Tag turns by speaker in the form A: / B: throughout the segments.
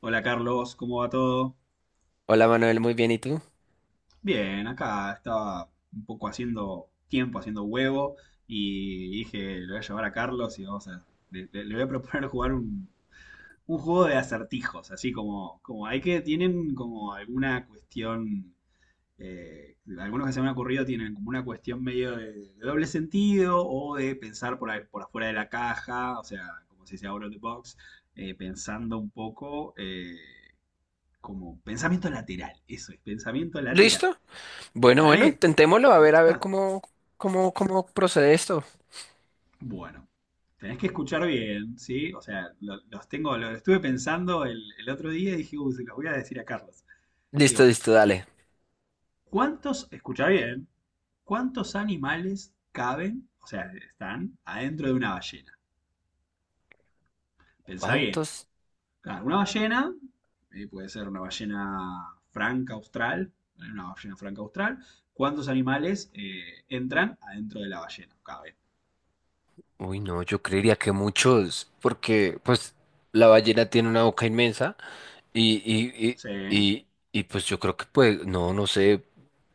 A: Hola Carlos, ¿cómo va todo?
B: Hola Manuel, muy bien, ¿y tú?
A: Bien, acá estaba un poco haciendo tiempo, haciendo huevo y dije, le voy a llevar a Carlos y vamos a, le voy a proponer jugar un juego de acertijos, así como, como hay que, tienen como alguna cuestión, algunos que se me han ocurrido tienen como una cuestión medio de doble sentido o de pensar por afuera de la caja, o sea, como si se dice out of the box, pensando un poco. Como pensamiento lateral, eso es, pensamiento lateral.
B: ¿Listo? Bueno, bueno,
A: ¿Vale?
B: intentémoslo,
A: ¿Te
B: a ver
A: gusta?
B: cómo, cómo procede esto.
A: Bueno, tenés que escuchar bien, ¿sí? O sea, los tengo, lo estuve pensando el otro día y dije, uy, se los voy a decir a Carlos.
B: Listo,
A: Digo,
B: listo, dale.
A: ¿cuántos, escucha bien, cuántos animales caben, o sea, están adentro de una ballena? Pensá bien.
B: ¿Cuántos?
A: Claro, una ballena, puede ser una ballena franca austral, ¿vale? Una ballena franca austral. ¿Cuántos animales entran adentro de la ballena? Caben.
B: Uy, no, yo creería que muchos, porque pues la ballena tiene una boca inmensa y, y,
A: Sí,
B: y, y, y pues yo creo que pues, no, no sé,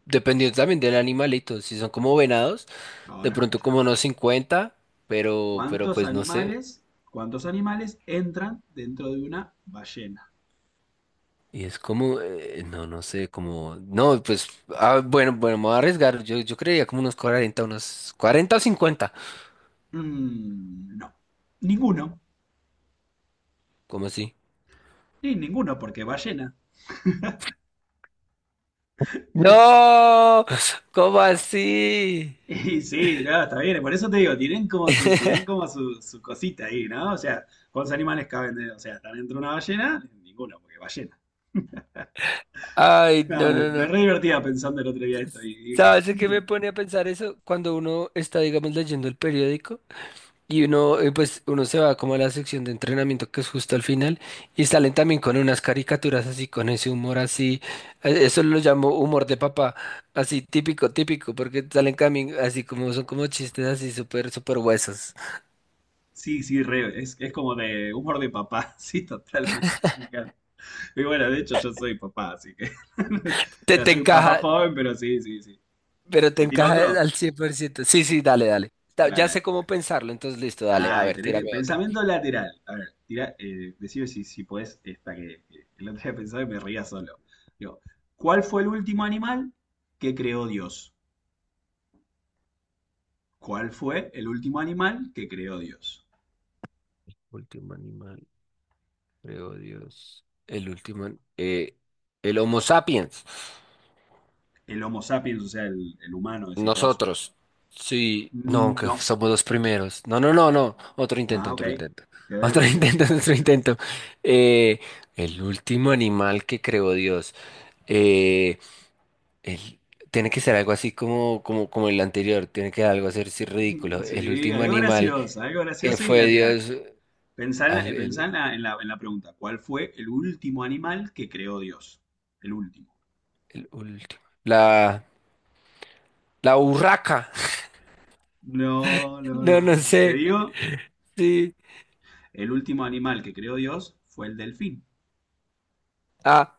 B: dependiendo también del animalito, si son como venados, de
A: ahora
B: pronto
A: escucha,
B: como
A: escucha.
B: unos 50, pero
A: ¿Cuántos
B: pues no sé.
A: animales, cuántos animales entran dentro de una ballena?
B: Y es como, no, no sé, como, no, pues, ah, bueno, bueno, me voy a arriesgar. Yo creía como unos 40 unos 40 o 50.
A: No, ninguno,
B: ¿Cómo así?
A: ni ninguno, porque ballena.
B: No, ¿cómo así?
A: Y sí, no, está bien, por eso te digo, tienen como su cosita ahí, ¿no? O sea, ¿cuántos animales o sea, están dentro de una ballena? Ninguno, porque ballena.
B: Ay,
A: No,
B: no, no,
A: me
B: no.
A: re divertía pensando el otro día esto y dije,
B: ¿Sabes qué me pone a pensar eso? Cuando uno está, digamos, leyendo el periódico. Y uno, pues, uno se va como a la sección de entrenamiento que es justo al final y salen también con unas caricaturas así, con ese humor así, eso lo llamo humor de papá, así típico, típico, porque salen también así como son como chistes así súper, súper huesos.
A: sí, sí, es como de humor de papá, sí, totalmente. Y bueno, de hecho yo soy papá, así que... O
B: Te,
A: sea,
B: te
A: soy un papá
B: encaja,
A: joven, pero sí, sí, sí.
B: pero te
A: ¿Te tiro
B: encaja
A: otro?
B: al 100%. Sí, sí, dale, dale.
A: Dale,
B: Ya sé
A: dale.
B: cómo pensarlo, entonces listo, dale, a
A: Ay,
B: ver,
A: tenés que...
B: tírame otro.
A: Pensamiento lateral. A ver, tira, decime si podés esta que el otro día pensaba y me ría solo. Digo, ¿cuál fue el último animal que creó Dios? ¿Cuál fue el último animal que creó Dios?
B: Último animal, creo Dios. El último, el Homo sapiens.
A: El Homo sapiens, o sea, el humano, decís vos.
B: Nosotros. Sí, no, que
A: No.
B: somos los primeros. No, no, no, no. Otro intento,
A: Ah, ok.
B: otro intento.
A: Te doy otro
B: Otro
A: intento, te
B: intento,
A: doy otro
B: otro
A: intento.
B: intento. Eh, el último animal que creó Dios. Eh, el- tiene que ser algo así como, como el anterior. Tiene que ser algo así así ridículo. El
A: Sí,
B: último animal
A: algo
B: que
A: gracioso y
B: fue
A: lateral.
B: Dios.
A: Pensá en
B: al-
A: la, pensá
B: el,
A: en en la pregunta. ¿Cuál fue el último animal que creó Dios? El último.
B: el último. La urraca.
A: No, no,
B: No,
A: no,
B: no
A: no. Te
B: sé.
A: digo,
B: Sí.
A: el último animal que creó Dios fue el delfín.
B: Ah.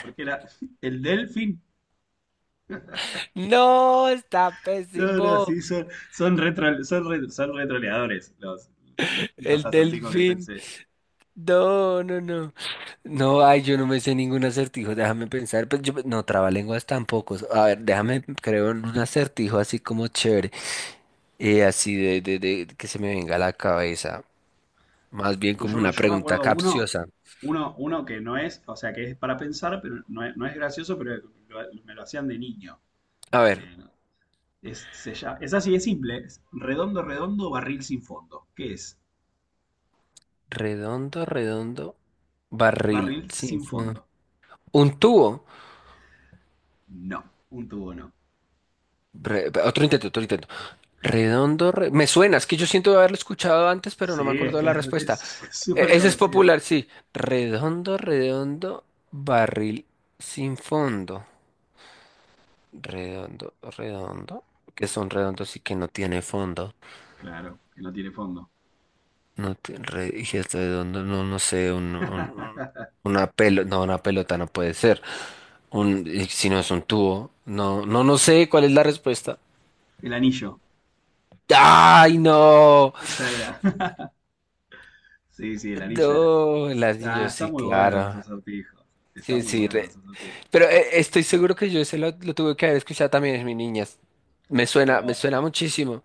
A: Porque era el delfín.
B: No, está
A: No, no,
B: pésimo.
A: sí, son retroleadores los
B: El
A: acertijos que
B: delfín.
A: pensé.
B: No, no, no. No, ay, yo no me sé ningún acertijo. Déjame pensar. Pues yo, no, trabalenguas tampoco. A ver, déjame, creo, en un acertijo así como chévere. Eh, así de que se me venga a la cabeza. Más bien
A: Uy,
B: como una
A: yo me
B: pregunta
A: acuerdo uno,
B: capciosa.
A: uno que no es, o sea, que es para pensar, pero no es gracioso, pero me lo hacían de niño.
B: A ver,
A: Eh, Es, es así de simple. Es redondo, redondo, barril sin fondo. ¿Qué es?
B: redondo, redondo, barril,
A: Barril
B: sin
A: sin
B: fin.
A: fondo.
B: Un tubo.
A: No, un tubo no.
B: Otro intento, otro intento. Me suena, es que yo siento haberlo escuchado antes, pero
A: Sí,
B: no me
A: es
B: acuerdo de
A: que
B: la
A: es
B: respuesta.
A: es súper
B: Ese es
A: conocida.
B: popular, sí. Redondo, redondo, barril sin fondo. Redondo, redondo. Que son redondos y que no tiene fondo.
A: Claro, que no tiene fondo.
B: Y si es redondo, no, no sé, una pelota no puede ser. Un, y si no es un tubo. No, no, no sé cuál es la respuesta.
A: El anillo.
B: ¡Ay, no!
A: Esa era. Sí, sí, el anillo era.
B: No, el
A: Ah,
B: anillo,
A: está
B: sí,
A: muy bueno los
B: claro.
A: acertijos. Está
B: Sí,
A: muy
B: sí,
A: bueno los acertijos.
B: pero estoy seguro que yo ese lo tuve que haber escuchado también en mi niñas.
A: Pero
B: Me suena muchísimo.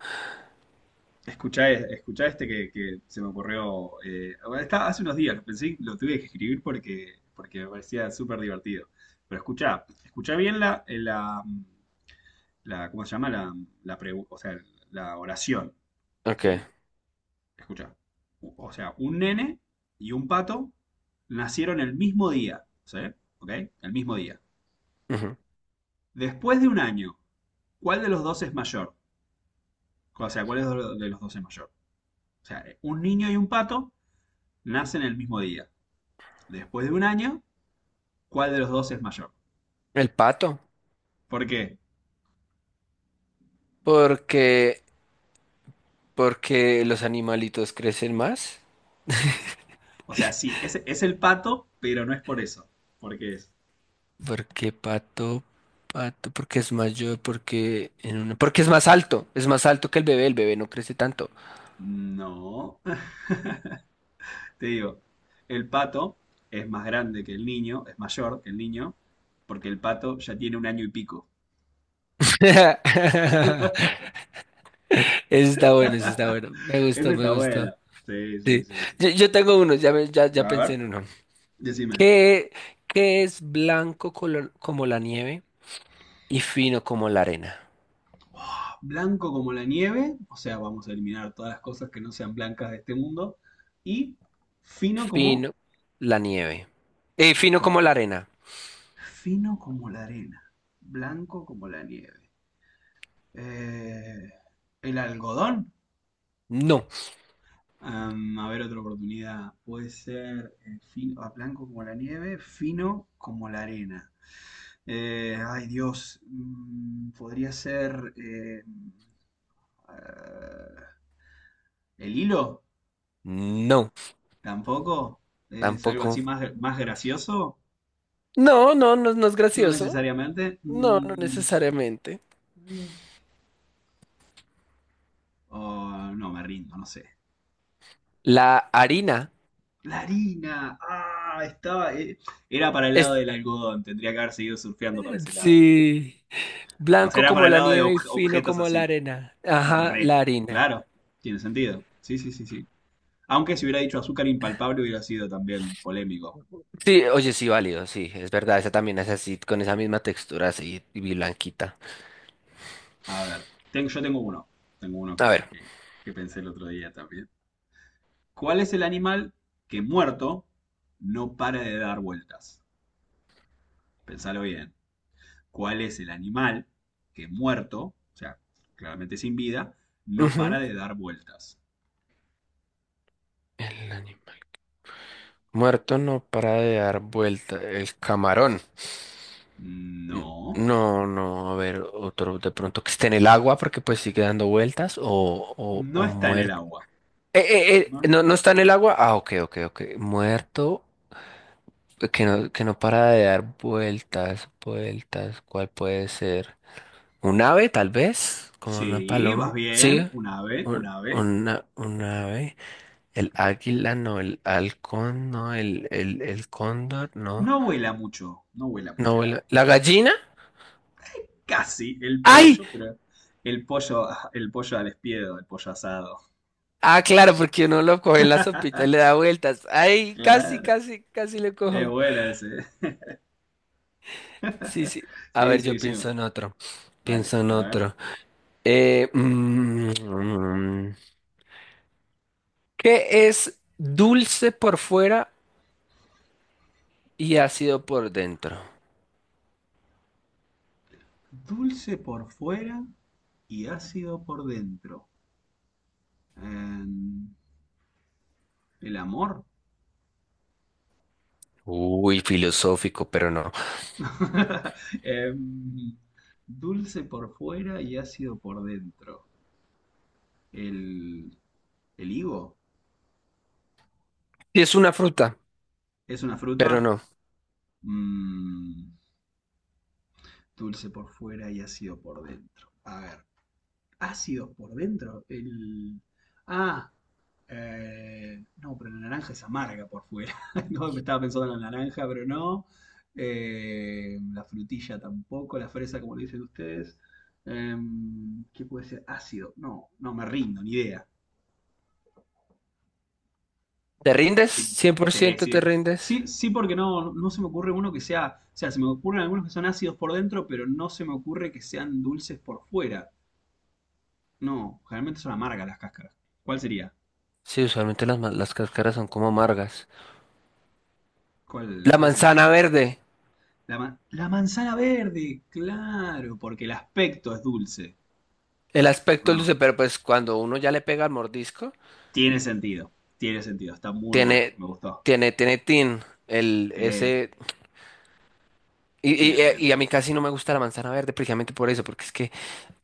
A: escuchá, escuchá este que se me ocurrió. Eh, bueno, está, hace unos días lo pensé, lo tuve que escribir porque, porque me parecía súper divertido. Pero escuchá, escuchá bien la, ¿cómo se llama? La o sea, la oración,
B: Ok.
A: ¿sí? Escuchá. O sea, un nene y un pato nacieron el mismo día, ¿sí? ¿Ok? El mismo día.
B: Ujú.
A: Después de un año, ¿cuál de los dos es mayor? O sea, ¿cuál es de los dos es mayor? O sea, un niño y un pato nacen el mismo día. Después de un año, cuál de los dos es mayor.
B: El pato.
A: ¿Por qué?
B: Porque, porque los animalitos crecen más.
A: O sea, sí, es el pato, pero no es por eso. Porque es.
B: Porque pato, pato, porque es mayor, porque es más alto que el bebé no crece tanto.
A: No. Te digo, el pato es más grande que el niño, es mayor que el niño, porque el pato ya tiene un año y pico.
B: Eso está bueno, eso está bueno. Me
A: Ese
B: gustó,
A: está
B: me
A: bueno.
B: gustó.
A: Sí, sí,
B: Sí.
A: sí, sí.
B: Yo tengo uno, ya
A: A
B: pensé
A: ver,
B: en uno.
A: decime.
B: ¿Qué, ¿qué es como la nieve y fino como la arena?
A: Oh, blanco como la nieve, o sea, vamos a eliminar todas las cosas que no sean blancas de este mundo. Y fino como,
B: Fino la nieve.
A: o
B: Fino
A: sea,
B: como la arena.
A: fino como la arena, blanco como la nieve. Eh, el algodón.
B: No,
A: Am, a ver, otra oportunidad. Puede ser blanco como la nieve, fino como la arena. Ay, Dios. Mm, podría ser eh, el hilo.
B: no,
A: Tampoco. Es algo
B: tampoco.
A: así más, más gracioso.
B: No, no, no, no es
A: No
B: gracioso.
A: necesariamente.
B: No, no necesariamente.
A: Mm. O no, me rindo, no sé.
B: La harina
A: La harina, ah, estaba. Era para el lado
B: es,
A: del algodón, tendría que haber seguido surfeando para ese lado.
B: sí,
A: O sea,
B: blanco
A: era
B: como
A: para el
B: la
A: lado de
B: nieve y fino
A: objetos
B: como la
A: así.
B: arena. Ajá,
A: Re,
B: la harina.
A: claro, tiene sentido. Sí, sí, sí, sí. Aunque si hubiera dicho azúcar impalpable hubiera sido también polémico.
B: Sí, oye, sí, válido, sí, es verdad, esa también es así, con esa misma textura así, y blanquita.
A: A ver, yo tengo uno. Tengo uno
B: A ver.
A: que pensé el otro día también. ¿Cuál es el animal que muerto no para de dar vueltas? Pensalo bien. Cuál es el animal que muerto, o sea, claramente sin vida, no
B: Ujú.
A: para de dar vueltas.
B: El anime. Muerto no para de dar vuelta. El camarón.
A: No,
B: No, no, a ver, otro de pronto que esté en el agua porque pues sigue dando vueltas
A: no
B: o
A: está en el
B: muerto.
A: agua. No-
B: No, no está en el agua. Ah, ok, ok, ok. Muerto que no para de dar vueltas, vueltas. ¿Cuál puede ser? ¿Un ave, tal vez? Como una
A: Sí, vas
B: paloma. Sí,
A: bien, un ave.
B: un ave. El águila, no, el halcón, no, el cóndor, no.
A: No vuela mucho, no vuela
B: No
A: mucho el ave.
B: vuela. ¿La gallina?
A: Casi el
B: ¡Ay!
A: pollo, pero el pollo, el pollo al espiedo, el pollo asado.
B: Ah, claro, porque uno lo coge en la sopita y le da vueltas. ¡Ay! Casi,
A: Claro,
B: casi, casi le
A: es
B: cojo.
A: buena ese.
B: Sí, sí. A
A: Sí,
B: ver,
A: sí,
B: yo
A: sí,
B: pienso en otro.
A: dale,
B: Pienso en
A: a ver.
B: otro. Eh, mm, mm. ¿Qué es dulce por fuera y ácido por dentro?
A: Dulce por fuera y ácido por dentro. Em, el amor.
B: Uy, filosófico, pero no.
A: Em, dulce por fuera y ácido por dentro. El, el higo
B: Sí, es una fruta,
A: es una
B: pero
A: fruta.
B: no.
A: Mm, dulce por fuera y ácido por dentro. A ver. Ácidos por dentro. El... Ah, no, pero la naranja es amarga por fuera. No, me estaba pensando en la naranja, pero no. La frutilla tampoco, la fresa, como le dicen ustedes. Em, ¿qué puede ser? Ácido. No, no me rindo, ni idea.
B: ¿Te rindes?
A: Em,
B: Cien por
A: sí,
B: ciento te
A: sí.
B: rindes?
A: Sí, sí, porque no, no se me ocurre uno que sea. O sea, se me ocurren algunos que son ácidos por dentro, pero no se me ocurre que sean dulces por fuera. No, generalmente son amargas las cáscaras. ¿Cuál sería?
B: Sí, usualmente las, las cáscaras son como amargas.
A: ¿Cuál,
B: La
A: cuál sería?
B: manzana verde.
A: La, la manzana verde, claro, porque el aspecto es dulce.
B: El
A: ¿O
B: aspecto
A: no?
B: luce, pero pues cuando uno ya le pega el mordisco,
A: Tiene sentido, tiene sentido, está muy bueno,
B: tiene,
A: me gustó.
B: tiene tin, el,
A: Sí,
B: ese,
A: bien, bien,
B: y a
A: bien.
B: mí casi no me gusta la manzana verde precisamente por eso, porque es que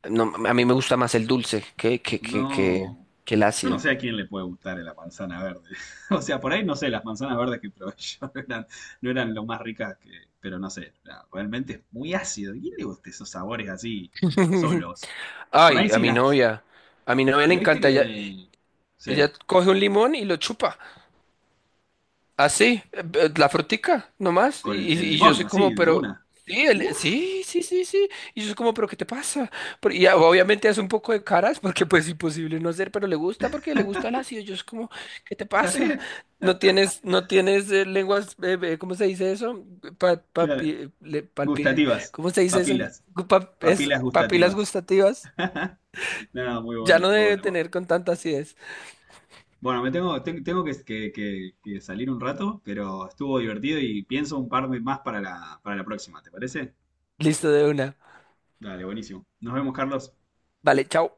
B: no, a mí me gusta más el dulce
A: No,
B: que el
A: yo no
B: ácido.
A: sé a quién le puede gustar la manzana verde. O sea, por ahí no sé, las manzanas verdes que probé yo no eran, no eran lo más ricas que, pero no sé, realmente es muy ácido. ¿A quién le gusta esos sabores así, solos? Por ahí
B: Ay,
A: sí las,
B: a mi novia le
A: pero viste
B: encanta, ella,
A: que,
B: ella
A: sí.
B: coge un limón y lo chupa. Así, la frutica, nomás.
A: Con el
B: Y yo
A: limón,
B: soy como,
A: así, de
B: pero.
A: una.
B: Sí,
A: Uf,
B: sí, sí, sí, sí. Y yo soy como, pero ¿qué te pasa? Y obviamente hace un poco de caras porque pues imposible no hacer, pero le gusta porque le gusta el ácido. Yo soy como, ¿qué te
A: está
B: pasa?
A: bien.
B: No tienes, no tienes lenguas, ¿cómo se dice eso? Pa,
A: Claro,
B: papi- le- palpi-
A: gustativas,
B: ¿Cómo se dice eso?
A: papilas, papilas
B: Papilas
A: gustativas.
B: gustativas.
A: No, muy
B: Ya no
A: bueno, muy
B: debe
A: bueno.
B: tener con tanta acidez.
A: Bueno, tengo que, que salir un rato, pero estuvo divertido y pienso un par de más para la próxima, ¿te parece?
B: Listo de una.
A: Dale, buenísimo. Nos vemos, Carlos.
B: Vale, chao.